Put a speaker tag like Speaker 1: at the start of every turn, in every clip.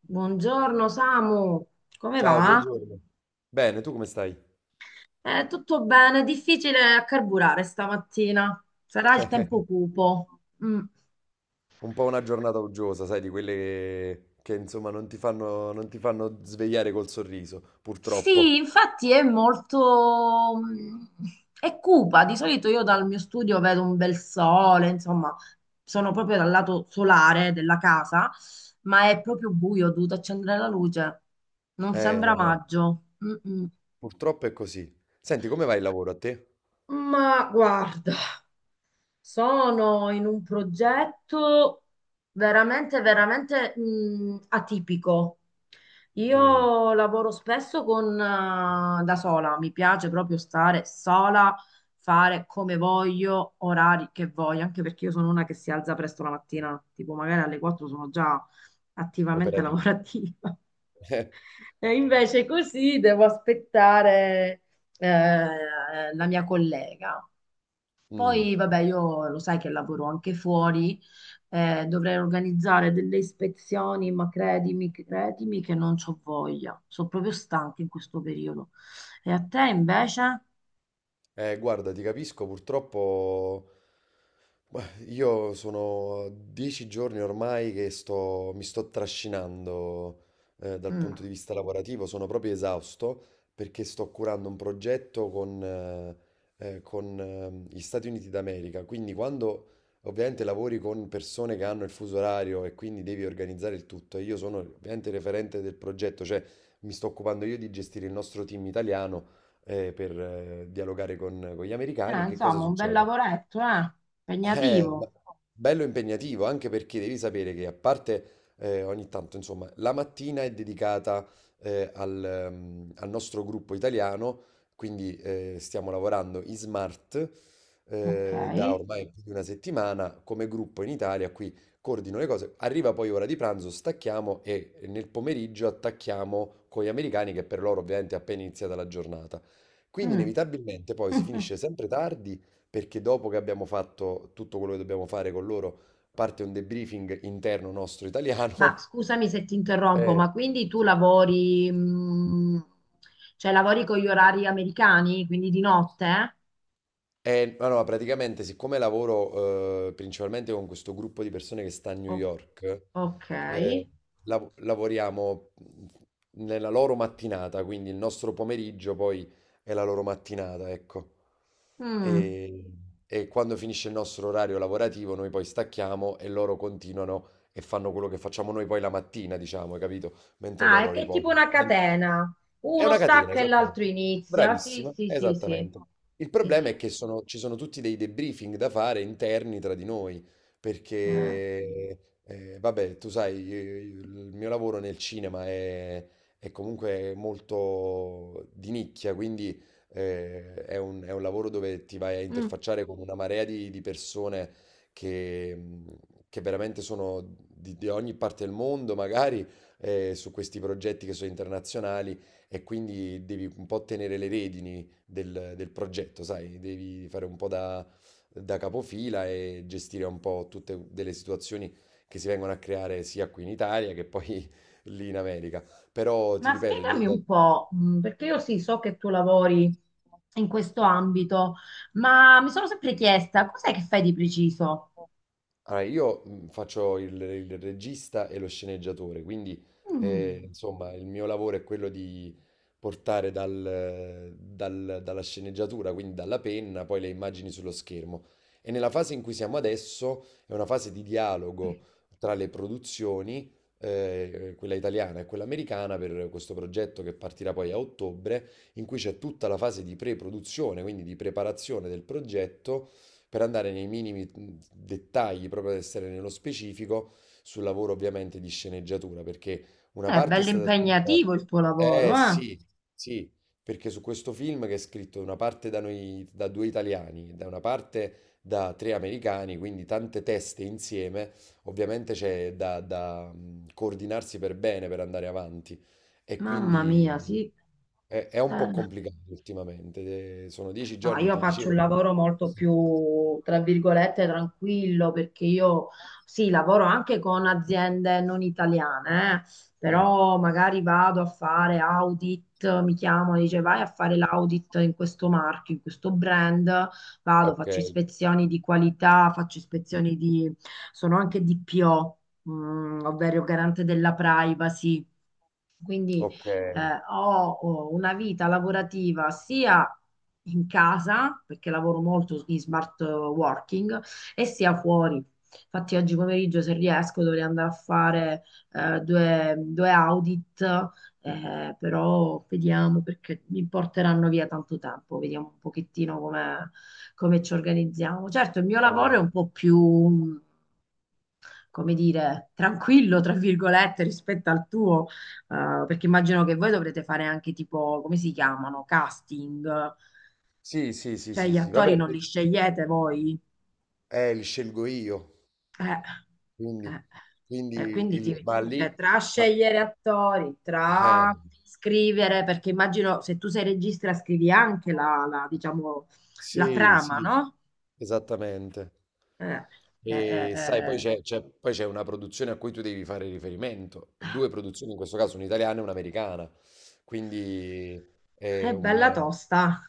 Speaker 1: Buongiorno Samu, come
Speaker 2: Ciao,
Speaker 1: va?
Speaker 2: buongiorno. Bene, tu come stai?
Speaker 1: Tutto bene, difficile a carburare stamattina. Sarà il tempo cupo. Mm.
Speaker 2: Un po' una giornata uggiosa, sai, di quelle che, insomma non ti fanno svegliare col sorriso,
Speaker 1: Sì,
Speaker 2: purtroppo.
Speaker 1: infatti è molto, è cupa. Di solito io dal mio studio vedo un bel sole, insomma, sono proprio dal lato solare della casa, ma è proprio buio, ho dovuto accendere la luce. Non sembra
Speaker 2: No, no,
Speaker 1: maggio. Mm-mm.
Speaker 2: purtroppo è così. Senti, come va il lavoro a te?
Speaker 1: Ma guarda. Sono in un progetto veramente atipico.
Speaker 2: Mm,
Speaker 1: Io lavoro spesso con, da sola, mi piace proprio stare sola, fare come voglio, orari che voglio, anche perché io sono una che si alza presto la mattina, tipo magari alle 4 sono già attivamente
Speaker 2: Operativo.
Speaker 1: lavorativa. E invece così devo aspettare eh, la mia collega.
Speaker 2: Mm.
Speaker 1: Poi, vabbè, io lo sai che lavoro anche fuori, dovrei organizzare delle ispezioni, ma credimi che non c'ho voglia. Sono proprio stanca in questo periodo. E a te invece?
Speaker 2: Guarda, ti capisco, purtroppo beh, io sono 10 giorni ormai che mi sto trascinando dal
Speaker 1: Mm.
Speaker 2: punto di vista lavorativo, sono proprio esausto perché sto curando un progetto con gli Stati Uniti d'America, quindi quando ovviamente lavori con persone che hanno il fuso orario e quindi devi organizzare il tutto, e io sono ovviamente il referente del progetto, cioè mi sto occupando io di gestire il nostro team italiano per dialogare con gli americani, che cosa
Speaker 1: Insomma, un bel
Speaker 2: succede?
Speaker 1: lavoretto, eh?
Speaker 2: Eh, ma-
Speaker 1: Impegnativo.
Speaker 2: Bello impegnativo, anche perché devi sapere che a parte ogni tanto, insomma, la mattina è dedicata al nostro gruppo italiano, quindi stiamo lavorando in smart
Speaker 1: Ok.
Speaker 2: da ormai più di una settimana come gruppo in Italia, qui coordino le cose, arriva poi ora di pranzo, stacchiamo e nel pomeriggio attacchiamo con gli americani che per loro ovviamente è appena iniziata la giornata. Quindi
Speaker 1: Mm.
Speaker 2: inevitabilmente poi si finisce sempre tardi perché dopo che abbiamo fatto tutto quello che dobbiamo fare con loro, parte un debriefing interno nostro
Speaker 1: Ma
Speaker 2: italiano.
Speaker 1: scusami se ti interrompo,
Speaker 2: Eh,
Speaker 1: ma quindi tu lavori, cioè lavori con gli orari americani, quindi di notte?
Speaker 2: Ma no, praticamente, siccome lavoro principalmente con questo gruppo di persone che sta a New
Speaker 1: O-
Speaker 2: York,
Speaker 1: ok.
Speaker 2: eh, lavoriamo nella loro mattinata, quindi il nostro pomeriggio poi è la loro mattinata, ecco.
Speaker 1: Mm.
Speaker 2: E, e quando finisce il nostro orario lavorativo, noi poi stacchiamo e loro continuano e fanno quello che facciamo noi poi la mattina, diciamo, hai capito? Mentre
Speaker 1: Ah,
Speaker 2: loro
Speaker 1: è tipo
Speaker 2: riposano.
Speaker 1: una catena.
Speaker 2: È
Speaker 1: Uno
Speaker 2: una catena,
Speaker 1: stacca e
Speaker 2: esattamente.
Speaker 1: l'altro inizia. Sì,
Speaker 2: Bravissima,
Speaker 1: sì, sì, sì.
Speaker 2: esattamente. Il
Speaker 1: Sì,
Speaker 2: problema è
Speaker 1: sì.
Speaker 2: che ci sono tutti dei debriefing da fare interni tra di noi,
Speaker 1: Eh,
Speaker 2: perché, vabbè, tu sai, il mio lavoro nel cinema è comunque molto di nicchia, quindi è un lavoro dove ti vai a
Speaker 1: mm.
Speaker 2: interfacciare con una marea di persone che, mh, che veramente sono di ogni parte del mondo, magari, su questi progetti che sono internazionali, e quindi devi un po' tenere le redini del progetto, sai, devi fare un po' da capofila e gestire un po' tutte delle situazioni che si vengono a creare sia qui in Italia che poi lì in America. Però ti
Speaker 1: Ma
Speaker 2: ripeto.
Speaker 1: spiegami un po', perché io sì, so che tu lavori in questo ambito, ma mi sono sempre chiesta cos'è che fai di preciso?
Speaker 2: Allora, io faccio il regista e lo sceneggiatore, quindi
Speaker 1: Mm.
Speaker 2: insomma il mio lavoro è quello di portare dalla sceneggiatura, quindi dalla penna, poi le immagini sullo schermo. E nella fase in cui siamo adesso è una fase di dialogo tra le produzioni, quella italiana e quella americana, per questo progetto che partirà poi a ottobre, in cui c'è tutta la fase di pre-produzione, quindi di preparazione del progetto per andare nei minimi dettagli, proprio ad essere nello specifico, sul lavoro ovviamente di sceneggiatura, perché una
Speaker 1: È
Speaker 2: parte è
Speaker 1: bello
Speaker 2: stata scritta.
Speaker 1: impegnativo il tuo lavoro,
Speaker 2: Eh
Speaker 1: eh?
Speaker 2: sì, sì, perché su questo film che è scritto una parte da noi, da due italiani, da una parte da tre americani, quindi tante teste insieme, ovviamente c'è da, coordinarsi per bene per andare avanti. E
Speaker 1: Mamma mia,
Speaker 2: quindi.
Speaker 1: sì.
Speaker 2: È un po'
Speaker 1: Eh.
Speaker 2: complicato ultimamente, sono dieci
Speaker 1: No,
Speaker 2: giorni,
Speaker 1: io
Speaker 2: ti
Speaker 1: faccio un
Speaker 2: dicevo.
Speaker 1: lavoro molto più, tra virgolette, tranquillo perché io sì, lavoro anche con aziende non italiane,
Speaker 2: Mm,
Speaker 1: però magari vado a fare audit, mi chiamano, dice vai a fare l'audit in questo marchio, in questo brand, vado,
Speaker 2: ok,
Speaker 1: faccio ispezioni di qualità, faccio ispezioni di, sono anche DPO, ovvero garante della privacy. Quindi
Speaker 2: ok.
Speaker 1: eh, ho, ho una vita lavorativa sia in casa, perché lavoro molto in smart working, e sia fuori. Infatti oggi pomeriggio, se riesco, dovrei andare a fare due audit, però vediamo perché mi porteranno via tanto tempo, vediamo un pochettino come, come ci organizziamo. Certo, il mio lavoro è un po' più come dire, tranquillo, tra virgolette, rispetto al tuo, perché immagino che voi dovrete fare anche tipo, come si chiamano, casting,
Speaker 2: Sì, sì, sì,
Speaker 1: cioè
Speaker 2: sì,
Speaker 1: gli
Speaker 2: sì,
Speaker 1: attori
Speaker 2: vabbè,
Speaker 1: non li scegliete voi.
Speaker 2: li scelgo io,
Speaker 1: Eh,
Speaker 2: quindi,
Speaker 1: eh, eh,
Speaker 2: quindi
Speaker 1: quindi
Speaker 2: il,
Speaker 1: ti-
Speaker 2: ma lì,
Speaker 1: cioè, tra
Speaker 2: ma,
Speaker 1: scegliere attori,
Speaker 2: eh,
Speaker 1: tra scrivere, perché immagino se tu sei regista scrivi anche la, la, diciamo, la
Speaker 2: sì,
Speaker 1: trama,
Speaker 2: sì,
Speaker 1: no?
Speaker 2: esattamente.
Speaker 1: Eh, eh,
Speaker 2: E sai, poi
Speaker 1: eh,
Speaker 2: c'è una produzione a cui tu devi fare riferimento, due produzioni, in questo caso un'italiana e un'americana, quindi è
Speaker 1: è
Speaker 2: un.
Speaker 1: bella tosta.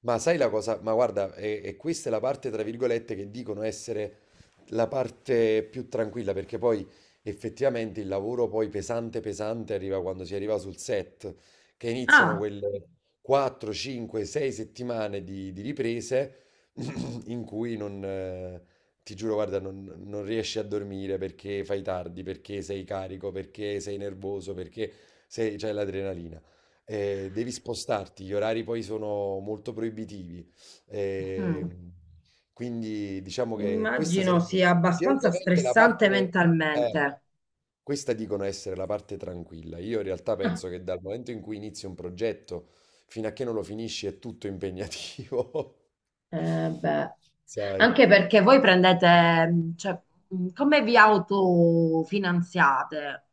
Speaker 2: Ma sai la cosa? Ma guarda, e questa è la parte, tra virgolette, che dicono essere la parte più tranquilla, perché poi effettivamente il lavoro poi pesante pesante arriva quando si arriva sul set, che iniziano
Speaker 1: Ah,
Speaker 2: quelle 4, 5, 6 settimane di riprese in cui non, ti giuro, guarda, non riesci a dormire perché fai tardi, perché sei carico, perché sei nervoso, perché c'è l'adrenalina devi spostarti, gli orari poi sono molto proibitivi.
Speaker 1: mm.
Speaker 2: ehm, quindi diciamo che questa
Speaker 1: Immagino
Speaker 2: sarebbe
Speaker 1: sia abbastanza
Speaker 2: teoricamente la
Speaker 1: stressante
Speaker 2: parte, eh,
Speaker 1: mentalmente.
Speaker 2: questa dicono essere la parte tranquilla. Io in realtà
Speaker 1: Ah,
Speaker 2: penso che dal momento in cui inizi un progetto fino a che non lo finisci è tutto impegnativo.
Speaker 1: eh, beh,
Speaker 2: Sai?
Speaker 1: anche perché voi prendete, cioè, come vi autofinanziate?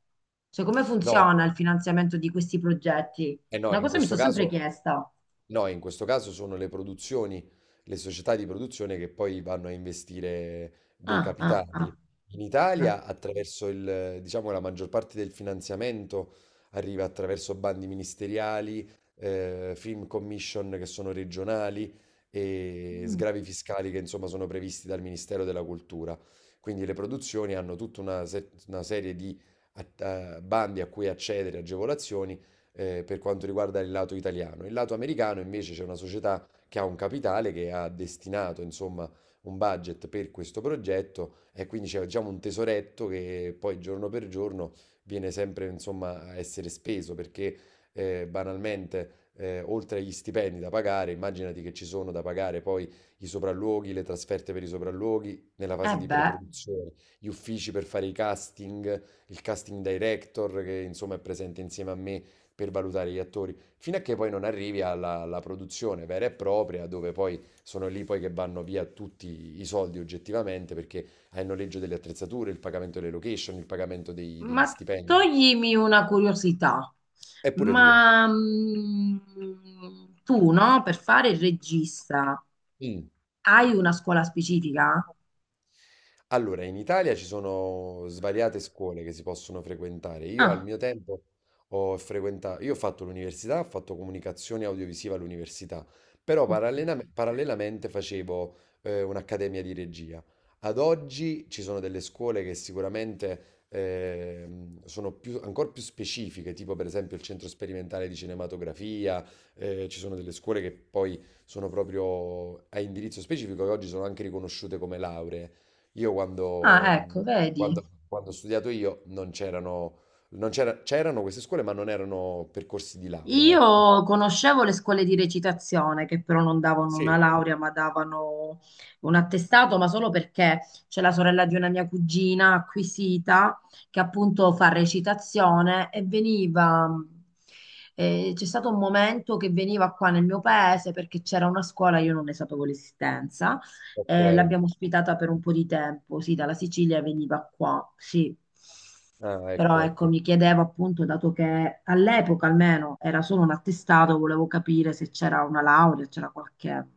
Speaker 1: Cioè, come
Speaker 2: No,
Speaker 1: funziona il finanziamento di questi progetti?
Speaker 2: eh no,
Speaker 1: Una
Speaker 2: in
Speaker 1: cosa mi
Speaker 2: questo
Speaker 1: sono sempre
Speaker 2: caso.
Speaker 1: chiesta.
Speaker 2: No, in questo caso sono le produzioni, le società di produzione che poi vanno a investire dei
Speaker 1: Ah, ah,
Speaker 2: capitali.
Speaker 1: ah,
Speaker 2: In
Speaker 1: ah.
Speaker 2: Italia, attraverso diciamo, la maggior parte del finanziamento arriva attraverso bandi ministeriali, film commission che sono regionali e
Speaker 1: Mm.
Speaker 2: sgravi fiscali che insomma sono previsti dal Ministero della Cultura. Quindi le produzioni hanno tutta una, se- una serie di bandi a cui accedere, agevolazioni per quanto riguarda il lato italiano. Il lato americano invece c'è una società che ha un capitale che ha destinato, insomma, un budget per questo progetto e quindi c'è diciamo un tesoretto che poi giorno per giorno viene sempre, insomma, a essere speso perché banalmente oltre agli stipendi da pagare, immaginati che ci sono da pagare poi i sopralluoghi, le trasferte per i sopralluoghi nella
Speaker 1: Eh
Speaker 2: fase di
Speaker 1: beh,
Speaker 2: preproduzione, gli uffici per fare i casting, il casting director che insomma è presente insieme a me per valutare gli attori, fino a che poi non arrivi alla produzione vera e propria, dove poi sono lì poi che vanno via tutti i soldi oggettivamente, perché hai il noleggio delle attrezzature, il pagamento delle location, il pagamento degli
Speaker 1: ma
Speaker 2: stipendi.
Speaker 1: toglimi una curiosità.
Speaker 2: Eppure due.
Speaker 1: Ma mm, Tu, no, per fare il regista.
Speaker 2: Mm.
Speaker 1: Hai una scuola specifica?
Speaker 2: Allora, in Italia ci sono svariate scuole che si possono frequentare. Io al
Speaker 1: Ah,
Speaker 2: mio tempo io ho fatto l'università, ho fatto comunicazione audiovisiva all'università, però
Speaker 1: ok.
Speaker 2: parallelamente facevo un'accademia di regia. Ad oggi ci sono delle scuole che sicuramente sono ancora più specifiche, tipo per esempio il Centro Sperimentale di Cinematografia, ci sono delle scuole che poi sono proprio a indirizzo specifico e oggi sono anche riconosciute come lauree. Io quando,
Speaker 1: Ah,
Speaker 2: mhmm,
Speaker 1: ecco, vedi.
Speaker 2: quando- quando ho studiato io non c'erano, non c'era- c'erano queste scuole, ma non erano percorsi di laurea, ecco.
Speaker 1: Io conoscevo le scuole di recitazione che però non davano una laurea, ma davano un attestato, ma solo perché c'è la sorella di una mia cugina acquisita che appunto fa recitazione e veniva. C'è stato un momento che veniva qua nel mio paese perché c'era una scuola, io non ne sapevo l'esistenza,
Speaker 2: Ok,
Speaker 1: e l'abbiamo ospitata per un po' di tempo. Sì, dalla Sicilia veniva qua, sì.
Speaker 2: ah,
Speaker 1: Però
Speaker 2: ecco,
Speaker 1: ecco,
Speaker 2: ecco.
Speaker 1: mi chiedevo appunto, dato che all'epoca almeno era solo un attestato, volevo capire se c'era una laurea, c'era qualche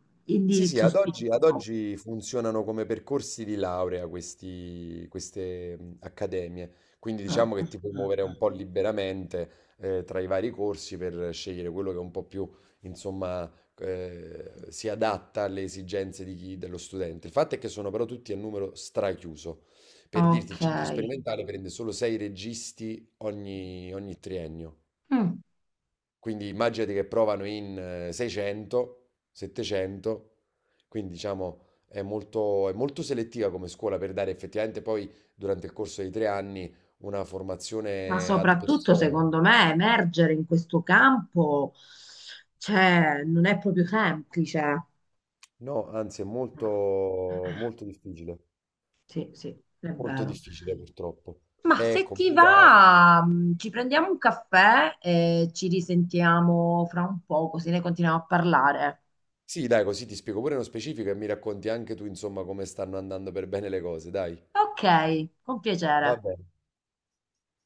Speaker 2: Sì, sì,
Speaker 1: indirizzo
Speaker 2: ad oggi, ad
Speaker 1: specifico.
Speaker 2: oggi funzionano come percorsi di laurea queste, accademie, quindi
Speaker 1: Mm,
Speaker 2: diciamo
Speaker 1: mm,
Speaker 2: che ti puoi
Speaker 1: mm,
Speaker 2: muovere
Speaker 1: mm.
Speaker 2: un po' liberamente tra i vari corsi per scegliere quello che un po' più, insomma, si adatta alle esigenze di dello studente. Il fatto è che sono però tutti a numero strachiuso. Per dirti, il
Speaker 1: Ok.
Speaker 2: centro sperimentale prende solo sei registi ogni triennio.
Speaker 1: Mm.
Speaker 2: Quindi immaginati che provano in 600, 700, quindi diciamo è molto selettiva come scuola per dare effettivamente poi durante il corso di 3 anni una
Speaker 1: Ma
Speaker 2: formazione ad
Speaker 1: soprattutto,
Speaker 2: persona.
Speaker 1: secondo me, emergere in questo campo, cioè, non è proprio semplice.
Speaker 2: No, anzi è molto,
Speaker 1: Sì, sì, è
Speaker 2: molto
Speaker 1: vero.
Speaker 2: difficile purtroppo.
Speaker 1: Ma
Speaker 2: È
Speaker 1: se ti
Speaker 2: complicato.
Speaker 1: va, ci prendiamo un caffè e ci risentiamo fra un po', così ne continuiamo a parlare.
Speaker 2: Sì, dai, così ti spiego pure nello specifico e mi racconti anche tu, insomma, come stanno andando per bene le cose, dai.
Speaker 1: Ok, con
Speaker 2: Va
Speaker 1: piacere.
Speaker 2: bene.